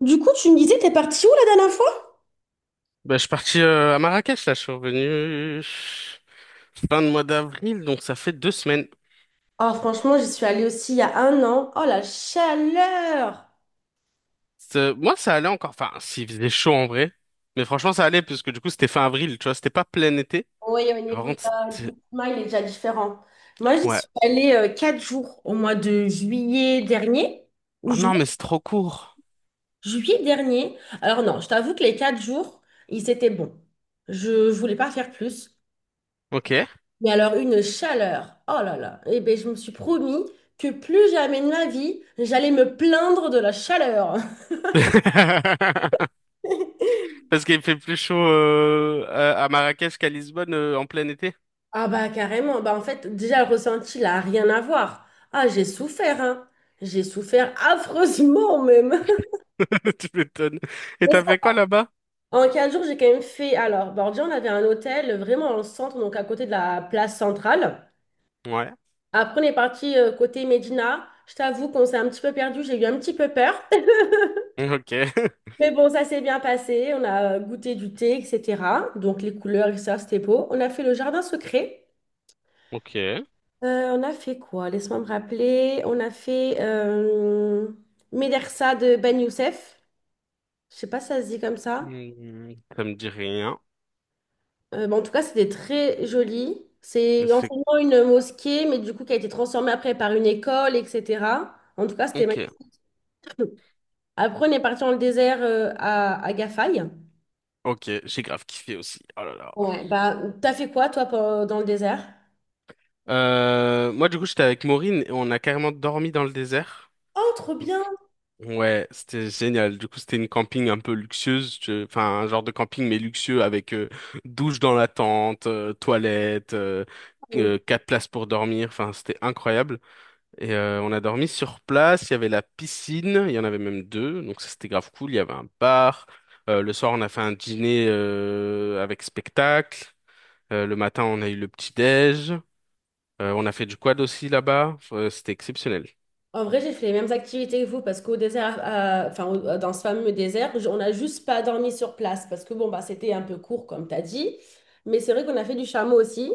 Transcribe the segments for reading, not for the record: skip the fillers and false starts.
Du coup, tu me disais, t'es partie où la dernière fois? Bah, je suis parti à Marrakech, là, je suis revenu fin de mois d'avril, donc ça fait deux semaines. Ah, franchement, j'y suis allée aussi il y a 1 an. Oh, la chaleur! Moi, ça allait encore, enfin, s'il faisait chaud en vrai, mais franchement, ça allait, parce que du coup, c'était fin avril, tu vois, c'était pas plein été. Oui, au Par niveau de contre, la- du c'était... climat, il est déjà différent. Moi, j'y Ouais. suis allée 4 jours au mois de juillet dernier, ou Oh ju- non, mais c'est trop court. juillet dernier. Alors non, je t'avoue que les 4 jours, ils étaient bons. Je voulais pas faire plus. Ok. Mais alors, une chaleur! Oh là là! Eh bien, je me suis promis que plus jamais de ma vie, j'allais me plaindre de la chaleur. Parce qu'il fait plus chaud à Marrakech qu'à Lisbonne en plein été. Ah bah carrément, bah en fait déjà le ressenti là a rien à voir. Ah j'ai souffert, hein. J'ai souffert affreusement même. Tu m'étonnes. Et Mais t'as ça, fait quoi là-bas? en 15 jours j'ai quand même fait, alors Bordeaux on avait un hôtel vraiment dans le centre, donc à côté de la place centrale. Ouais. Après on est parti côté Médina, je t'avoue qu'on s'est un petit peu perdu, j'ai eu un petit peu peur. Ok. Mais bon ça s'est bien passé, on a goûté du thé, etc. Donc les couleurs, et ça c'était beau. On a fait le jardin secret. Ok. On a fait quoi? Laisse-moi me rappeler. On a fait Médersa de Ben Youssef. Je sais pas si ça se dit comme ça. Hmm, ça me dit rien. En tout cas, c'était très joli. Mais C'est C'est anciennement une mosquée, mais du coup, qui a été transformée après par une école, etc. En tout cas, c'était ok. magnifique. Après, on est parti dans le désert à Gafaï. Ok, j'ai grave kiffé aussi. Oh là là. Ouais, bah, t'as fait quoi, toi, dans le désert? Moi, du coup, j'étais avec Maureen et on a carrément dormi dans le désert. Oh, trop bien! Ouais, c'était génial. Du coup, c'était une camping un peu luxueuse. Enfin, un genre de camping, mais luxueux avec douche dans la tente, toilette, quatre places pour dormir. Enfin, c'était incroyable. Et on a dormi sur place. Il y avait la piscine. Il y en avait même deux. Donc, ça, c'était grave cool. Il y avait un bar. Le soir, on a fait un dîner avec spectacle. Le matin, on a eu le petit-déj. On a fait du quad aussi là-bas. C'était exceptionnel. En vrai, j'ai fait les mêmes activités que vous parce qu'au désert, dans ce fameux désert, on n'a juste pas dormi sur place parce que bon, bah, c'était un peu court, comme tu as dit. Mais c'est vrai qu'on a fait du chameau aussi.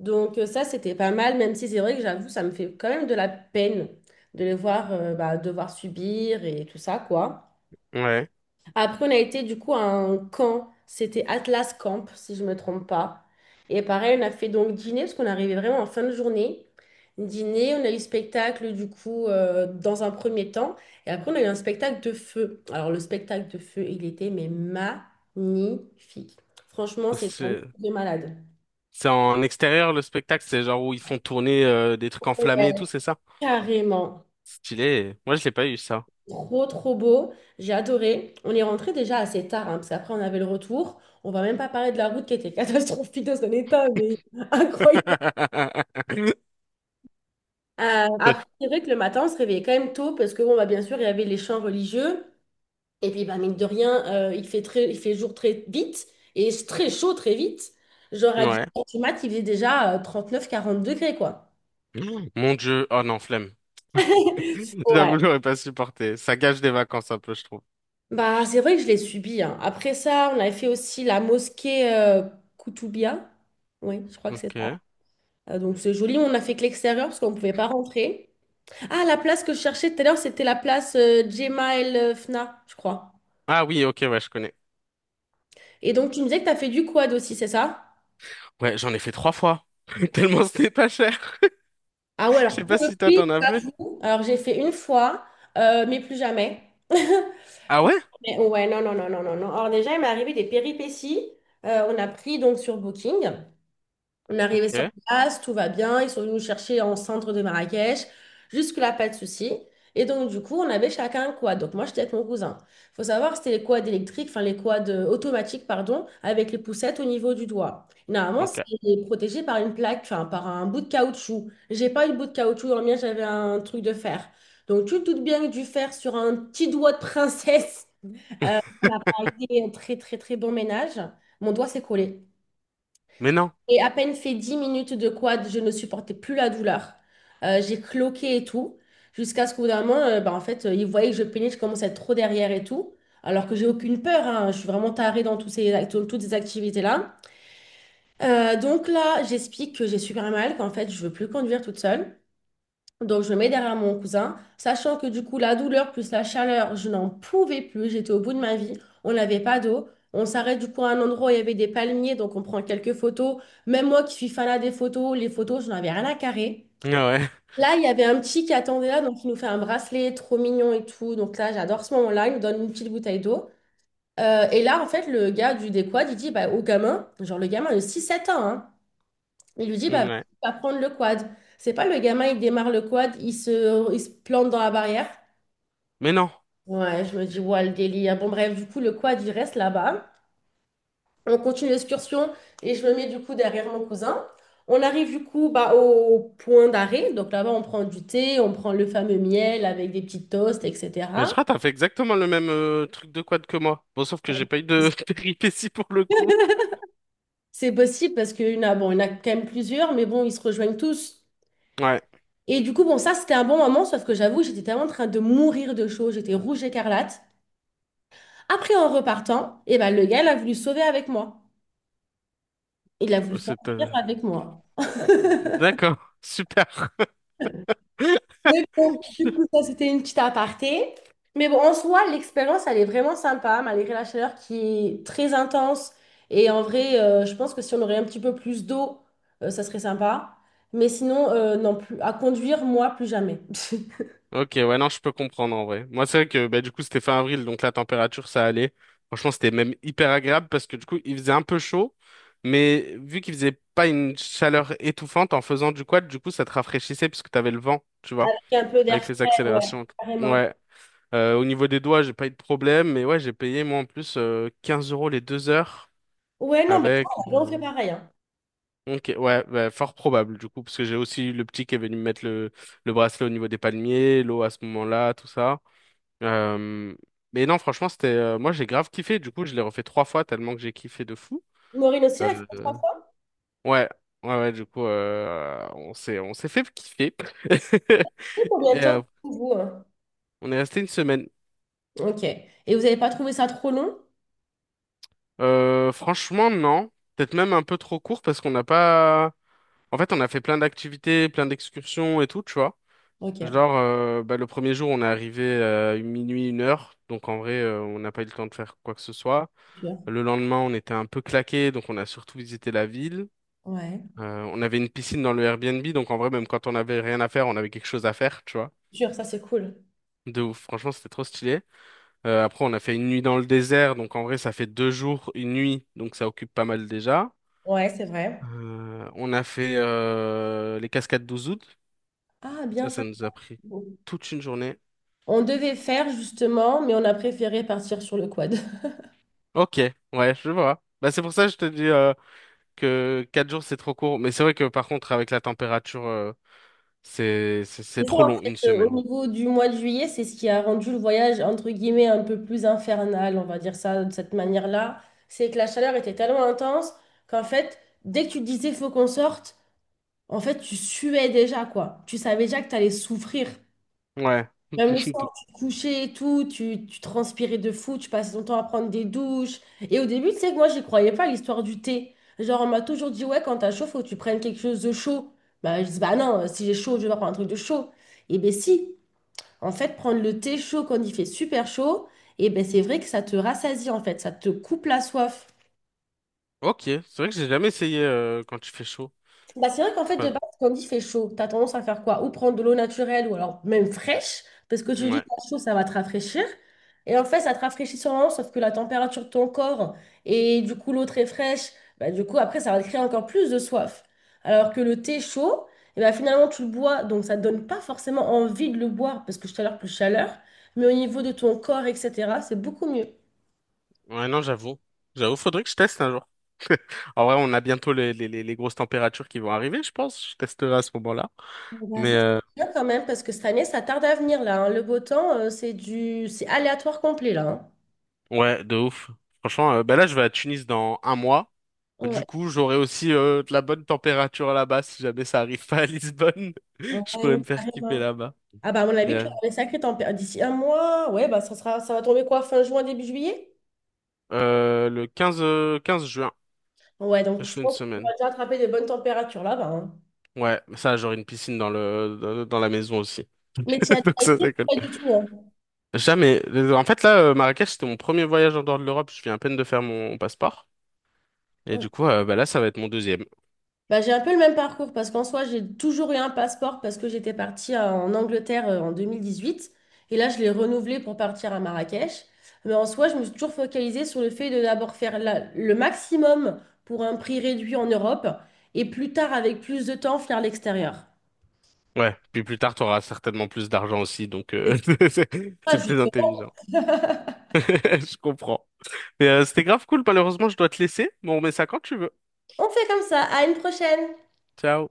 Donc, ça, c'était pas mal, même si c'est vrai que j'avoue, ça me fait quand même de la peine de les voir bah, devoir subir et tout ça, quoi. Ouais. Après, on a été du coup à un camp. C'était Atlas Camp, si je me trompe pas. Et pareil, on a fait donc dîner, parce qu'on arrivait vraiment en fin de journée. Dîner, on a eu spectacle du coup dans un premier temps. Et après, on a eu un spectacle de feu. Alors, le spectacle de feu, il était mais magnifique. Franchement, Parce c'était que un truc C'est de malade. c'est en extérieur le spectacle, c'est genre où ils font tourner des trucs enflammés et Ouais. tout, c'est ça? Carrément. Stylé. Moi, je l'ai pas eu ça. Trop, trop beau. J'ai adoré. On est rentré déjà assez tard, hein, parce qu'après, on avait le retour. On va même pas parler de la route qui était catastrophique dans son état, mais incroyable. Après, c'est vrai que le matin, on se réveillait quand même tôt, parce que, bon, bah, bien sûr, il y avait les chants religieux. Et puis, bah, mine de rien, il fait jour très vite et c'est très chaud très vite. Genre, à Ouais. 10 h du mat, il faisait déjà 39 40 degrés, quoi. Mon Dieu. Oh non, flemme. Ouais. J'avoue, j'aurais pas supporté. Ça gâche des vacances un peu, je trouve. Bah, c'est vrai que je l'ai subi, hein. Après ça, on avait fait aussi la mosquée Koutoubia. Oui, je crois que c'est ça. Ok. Donc, c'est joli. On n'a fait que l'extérieur parce qu'on ne pouvait pas rentrer. Ah, la place que je cherchais tout à l'heure, c'était la place Jemaa El Fna, je crois. Ah oui, ok, ouais, je connais. Et donc, tu me disais que tu as fait du quad aussi, c'est ça? Ouais, j'en ai fait trois fois. Tellement c'était pas cher. Ah ouais, Je sais alors pas pour le si toi t'en as fait. coup, alors j'ai fait une fois, mais plus jamais. Ah Plus ouais? jamais. Ouais, non, non, non, non, non, non. Alors déjà, il m'est arrivé des péripéties. On a pris donc sur Booking. On est arrivé sur Ok. place, tout va bien. Ils sont venus nous chercher en centre de Marrakech. Jusque-là, pas de souci. Et donc, du coup, on avait chacun un quad. Donc, moi, j'étais avec mon cousin. Faut savoir que c'était les quads électriques, enfin, les quads automatiques, pardon, avec les poussettes au niveau du doigt. Normalement, Ok. c'est protégé par une plaque, enfin, par un bout de caoutchouc. J'ai pas eu le bout de caoutchouc, dans le mien, j'avais un truc de fer. Donc, tu te doutes bien que du fer sur un petit doigt de princesse, on a pris un très, très, très bon ménage. Mon doigt s'est collé. Mais non. Et à peine fait 10 minutes de quad, je ne supportais plus la douleur. J'ai cloqué et tout, jusqu'à ce qu'au bout d'un moment, en fait, ils voyaient que je peinais, je commençais à être trop derrière et tout, alors que j'ai aucune peur, hein. Je suis vraiment tarée dans toutes ces activités-là. Donc là, j'explique que j'ai super mal, qu'en fait, je veux plus conduire toute seule. Donc, je me mets derrière mon cousin, sachant que du coup, la douleur plus la chaleur, je n'en pouvais plus. J'étais au bout de ma vie. On n'avait pas d'eau. On s'arrête du coup à un endroit où il y avait des palmiers, donc on prend quelques photos. Même moi qui suis fanat des photos, les photos, je n'en avais rien à carrer. Ah ouais. Là, il y avait un petit qui attendait là, donc il nous fait un bracelet trop mignon et tout. Donc là, j'adore ce moment-là. Il nous donne une petite bouteille d'eau. Et là, en fait, le gars du décoad, il dit bah, au gamin, genre le gamin de 6 7 ans, hein, il lui dit, bah, Ouais. vas prendre le quad. C'est pas le gamin, il démarre le quad, il se plante dans la barrière. Mais non. Ouais, je me dis, ouais, le délire. Bon, bref, du coup, le quad, il reste là-bas. On continue l'excursion et je me mets du coup derrière mon cousin. On arrive du coup bah, au point d'arrêt. Donc là-bas, on prend du thé, on prend le fameux miel avec des petites toasts, Mais etc. Shrat a fait exactement le même truc de quad que moi. Bon, sauf que j'ai pas eu de péripéties pour le coup. C'est possible parce qu'il y en a, bon, il y en a quand même plusieurs, mais bon, ils se rejoignent tous. Ouais, Et du coup, bon, ça, c'était un bon moment, sauf que j'avoue, j'étais tellement en train de mourir de chaud, j'étais rouge écarlate. Après, en repartant, eh ben, le gars, il a voulu se sauver avec moi. Il a voulu c'est... sortir euh, avec moi. D'accord, super. Mais bon, du coup, ça, c'était une petite aparté. Mais bon, en soi, l'expérience, elle est vraiment sympa, malgré la chaleur qui est très intense. Et en vrai, je pense que si on aurait un petit peu plus d'eau, ça serait sympa. Mais sinon, non, plus, à conduire, moi, plus jamais. Ok, ouais, non, je peux comprendre en vrai. Moi, c'est vrai que bah, du coup, c'était fin avril, donc la température, ça allait. Franchement, c'était même hyper agréable parce que du coup, il faisait un peu chaud, mais vu qu'il faisait pas une chaleur étouffante en faisant du quad, du coup, ça te rafraîchissait puisque t'avais le vent, tu vois, Avec un peu d'air avec les frais, ouais, accélérations. carrément. Ouais. Au niveau des doigts, j'ai pas eu de problème, mais ouais, j'ai payé moi en plus 15 euros les deux heures Ouais, non, mais toi, avec. on fait pareil, hein. Ok, ouais, bah, fort probable du coup, parce que j'ai aussi eu le petit qui est venu me mettre le bracelet au niveau des palmiers, l'eau à ce moment-là, tout ça. Euh, Mais non, franchement, c'était. Moi, j'ai grave kiffé, du coup, je l'ai refait trois fois tellement que j'ai kiffé de fou. Maureen aussi, elle a fait trois Euh, fois. Ouais, ouais, du coup, on s'est fait kiffer. Tu sais combien de Et temps, vous, hein? on est resté une semaine. Ok. Et vous n'avez pas trouvé ça trop long? Franchement, non. Peut-être même un peu trop court parce qu'on n'a pas. En fait, on a fait plein d'activités, plein d'excursions et tout, tu vois. Ok. Genre, bah, le premier jour, on est arrivé à minuit, une heure. Donc, en vrai, on n'a pas eu le temps de faire quoi que ce soit. Sûr. Le lendemain, on était un peu claqué, donc on a surtout visité la ville. Ouais. On avait une piscine dans le Airbnb, donc en vrai, même quand on n'avait rien à faire, on avait quelque chose à faire, tu vois. Sûr, ça c'est cool. De ouf, franchement, c'était trop stylé. Après, on a fait une nuit dans le désert, donc en vrai, ça fait deux jours, une nuit, donc ça occupe pas mal déjà. Ouais, c'est vrai. On a fait les cascades d'Ouzoud. Ah, bien Ça, ça. ça nous a pris C'est beau. toute une journée. On devait faire justement, mais on a préféré partir sur le quad. Ok, ouais, je vois. Bah, c'est pour ça que je te dis que quatre jours, c'est trop court. Mais c'est vrai que par contre, avec la température, c'est c'est c'est Et ça, trop en long, fait, une au semaine. niveau du mois de juillet, c'est ce qui a rendu le voyage, entre guillemets, un peu plus infernal, on va dire ça de cette manière-là. C'est que la chaleur était tellement intense qu'en fait, dès que tu te disais faut qu'on sorte, en fait, tu suais déjà, quoi. Tu savais déjà que tu allais souffrir. Ouais. Même le soir, tu te couchais et tout, tu transpirais de fou, tu passais ton temps à prendre des douches. Et au début, tu sais que moi, j'y croyais pas à l'histoire du thé. Genre, on m'a toujours dit, ouais, quand t'as chaud, faut que tu prennes quelque chose de chaud. Bah, je dis, bah non, si j'ai chaud, je vais pas prendre un truc de chaud. Et ben si, en fait, prendre le thé chaud quand il fait super chaud, et ben c'est vrai que ça te rassasie, en fait, ça te coupe la soif. Ok, c'est vrai que j'ai jamais essayé quand il fait chaud. Bah, c'est vrai qu'en fait, de Enfin, base, quand il fait chaud, tu as tendance à faire quoi? Ou prendre de l'eau naturelle ou alors même fraîche, parce que tu dis ouais, t'as chaud, ça va te rafraîchir. Et en fait, ça te rafraîchit sûrement, sauf que la température de ton corps et du coup l'eau très fraîche, bah, du coup après, ça va te créer encore plus de soif. Alors que le thé chaud, et ben finalement, tu le bois, donc ça ne donne pas forcément envie de le boire, parce que tout à l'heure, plus chaleur, mais au niveau de ton corps, etc., c'est beaucoup mieux. ouais, non, j'avoue. J'avoue, faudrait que je teste un jour. En vrai, on a bientôt les grosses températures qui vont arriver, je pense. Je testerai à ce moment-là. Bah, ça, Mais c'est bien quand même, parce que cette année, ça tarde à venir là, hein. Le beau temps, c'est du... c'est aléatoire complet là, hein. ouais, de ouf. Franchement, bah là, je vais à Tunis dans un mois. Du Ouais, coup, j'aurai aussi de la bonne température là-bas si jamais ça arrive pas à Lisbonne. en Je vrai, pourrais me faire kiffer carrément. là-bas. Ah bah à mon avis, tu vas Yeah. avoir des sacrées tempêtes. D'ici 1 mois, ouais, bah ça sera, ça va tomber quoi, fin juin, début juillet? Le 15 juin, Ouais, donc je je fais une pense que tu vas semaine. déjà attraper de bonnes températures là-bas, hein. Ouais, ça, j'aurai une piscine dans la maison aussi. Mais tu as Donc déjà ça, été? ça colle. Pas du tout, Jamais. En fait, là, Marrakech, c'était mon premier voyage en dehors de l'Europe. Je viens à peine de faire mon passeport. Et hein. du coup, bah là, ça va être mon deuxième. Bah, j'ai un peu le même parcours parce qu'en soi, j'ai toujours eu un passeport parce que j'étais partie en Angleterre en 2018 et là, je l'ai renouvelé pour partir à Marrakech. Mais en soi, je me suis toujours focalisée sur le fait de d'abord faire le maximum pour un prix réduit en Europe et plus tard, avec plus de temps, faire l'extérieur. Ouais, puis plus tard, tu auras certainement plus d'argent aussi, donc Et c'est ça. c'est Ah, c'est plus justement, intelligent. Je comprends. Mais c'était grave cool, malheureusement, je dois te laisser, mais on remet ça quand tu veux. on fait comme ça. À une prochaine! Ciao.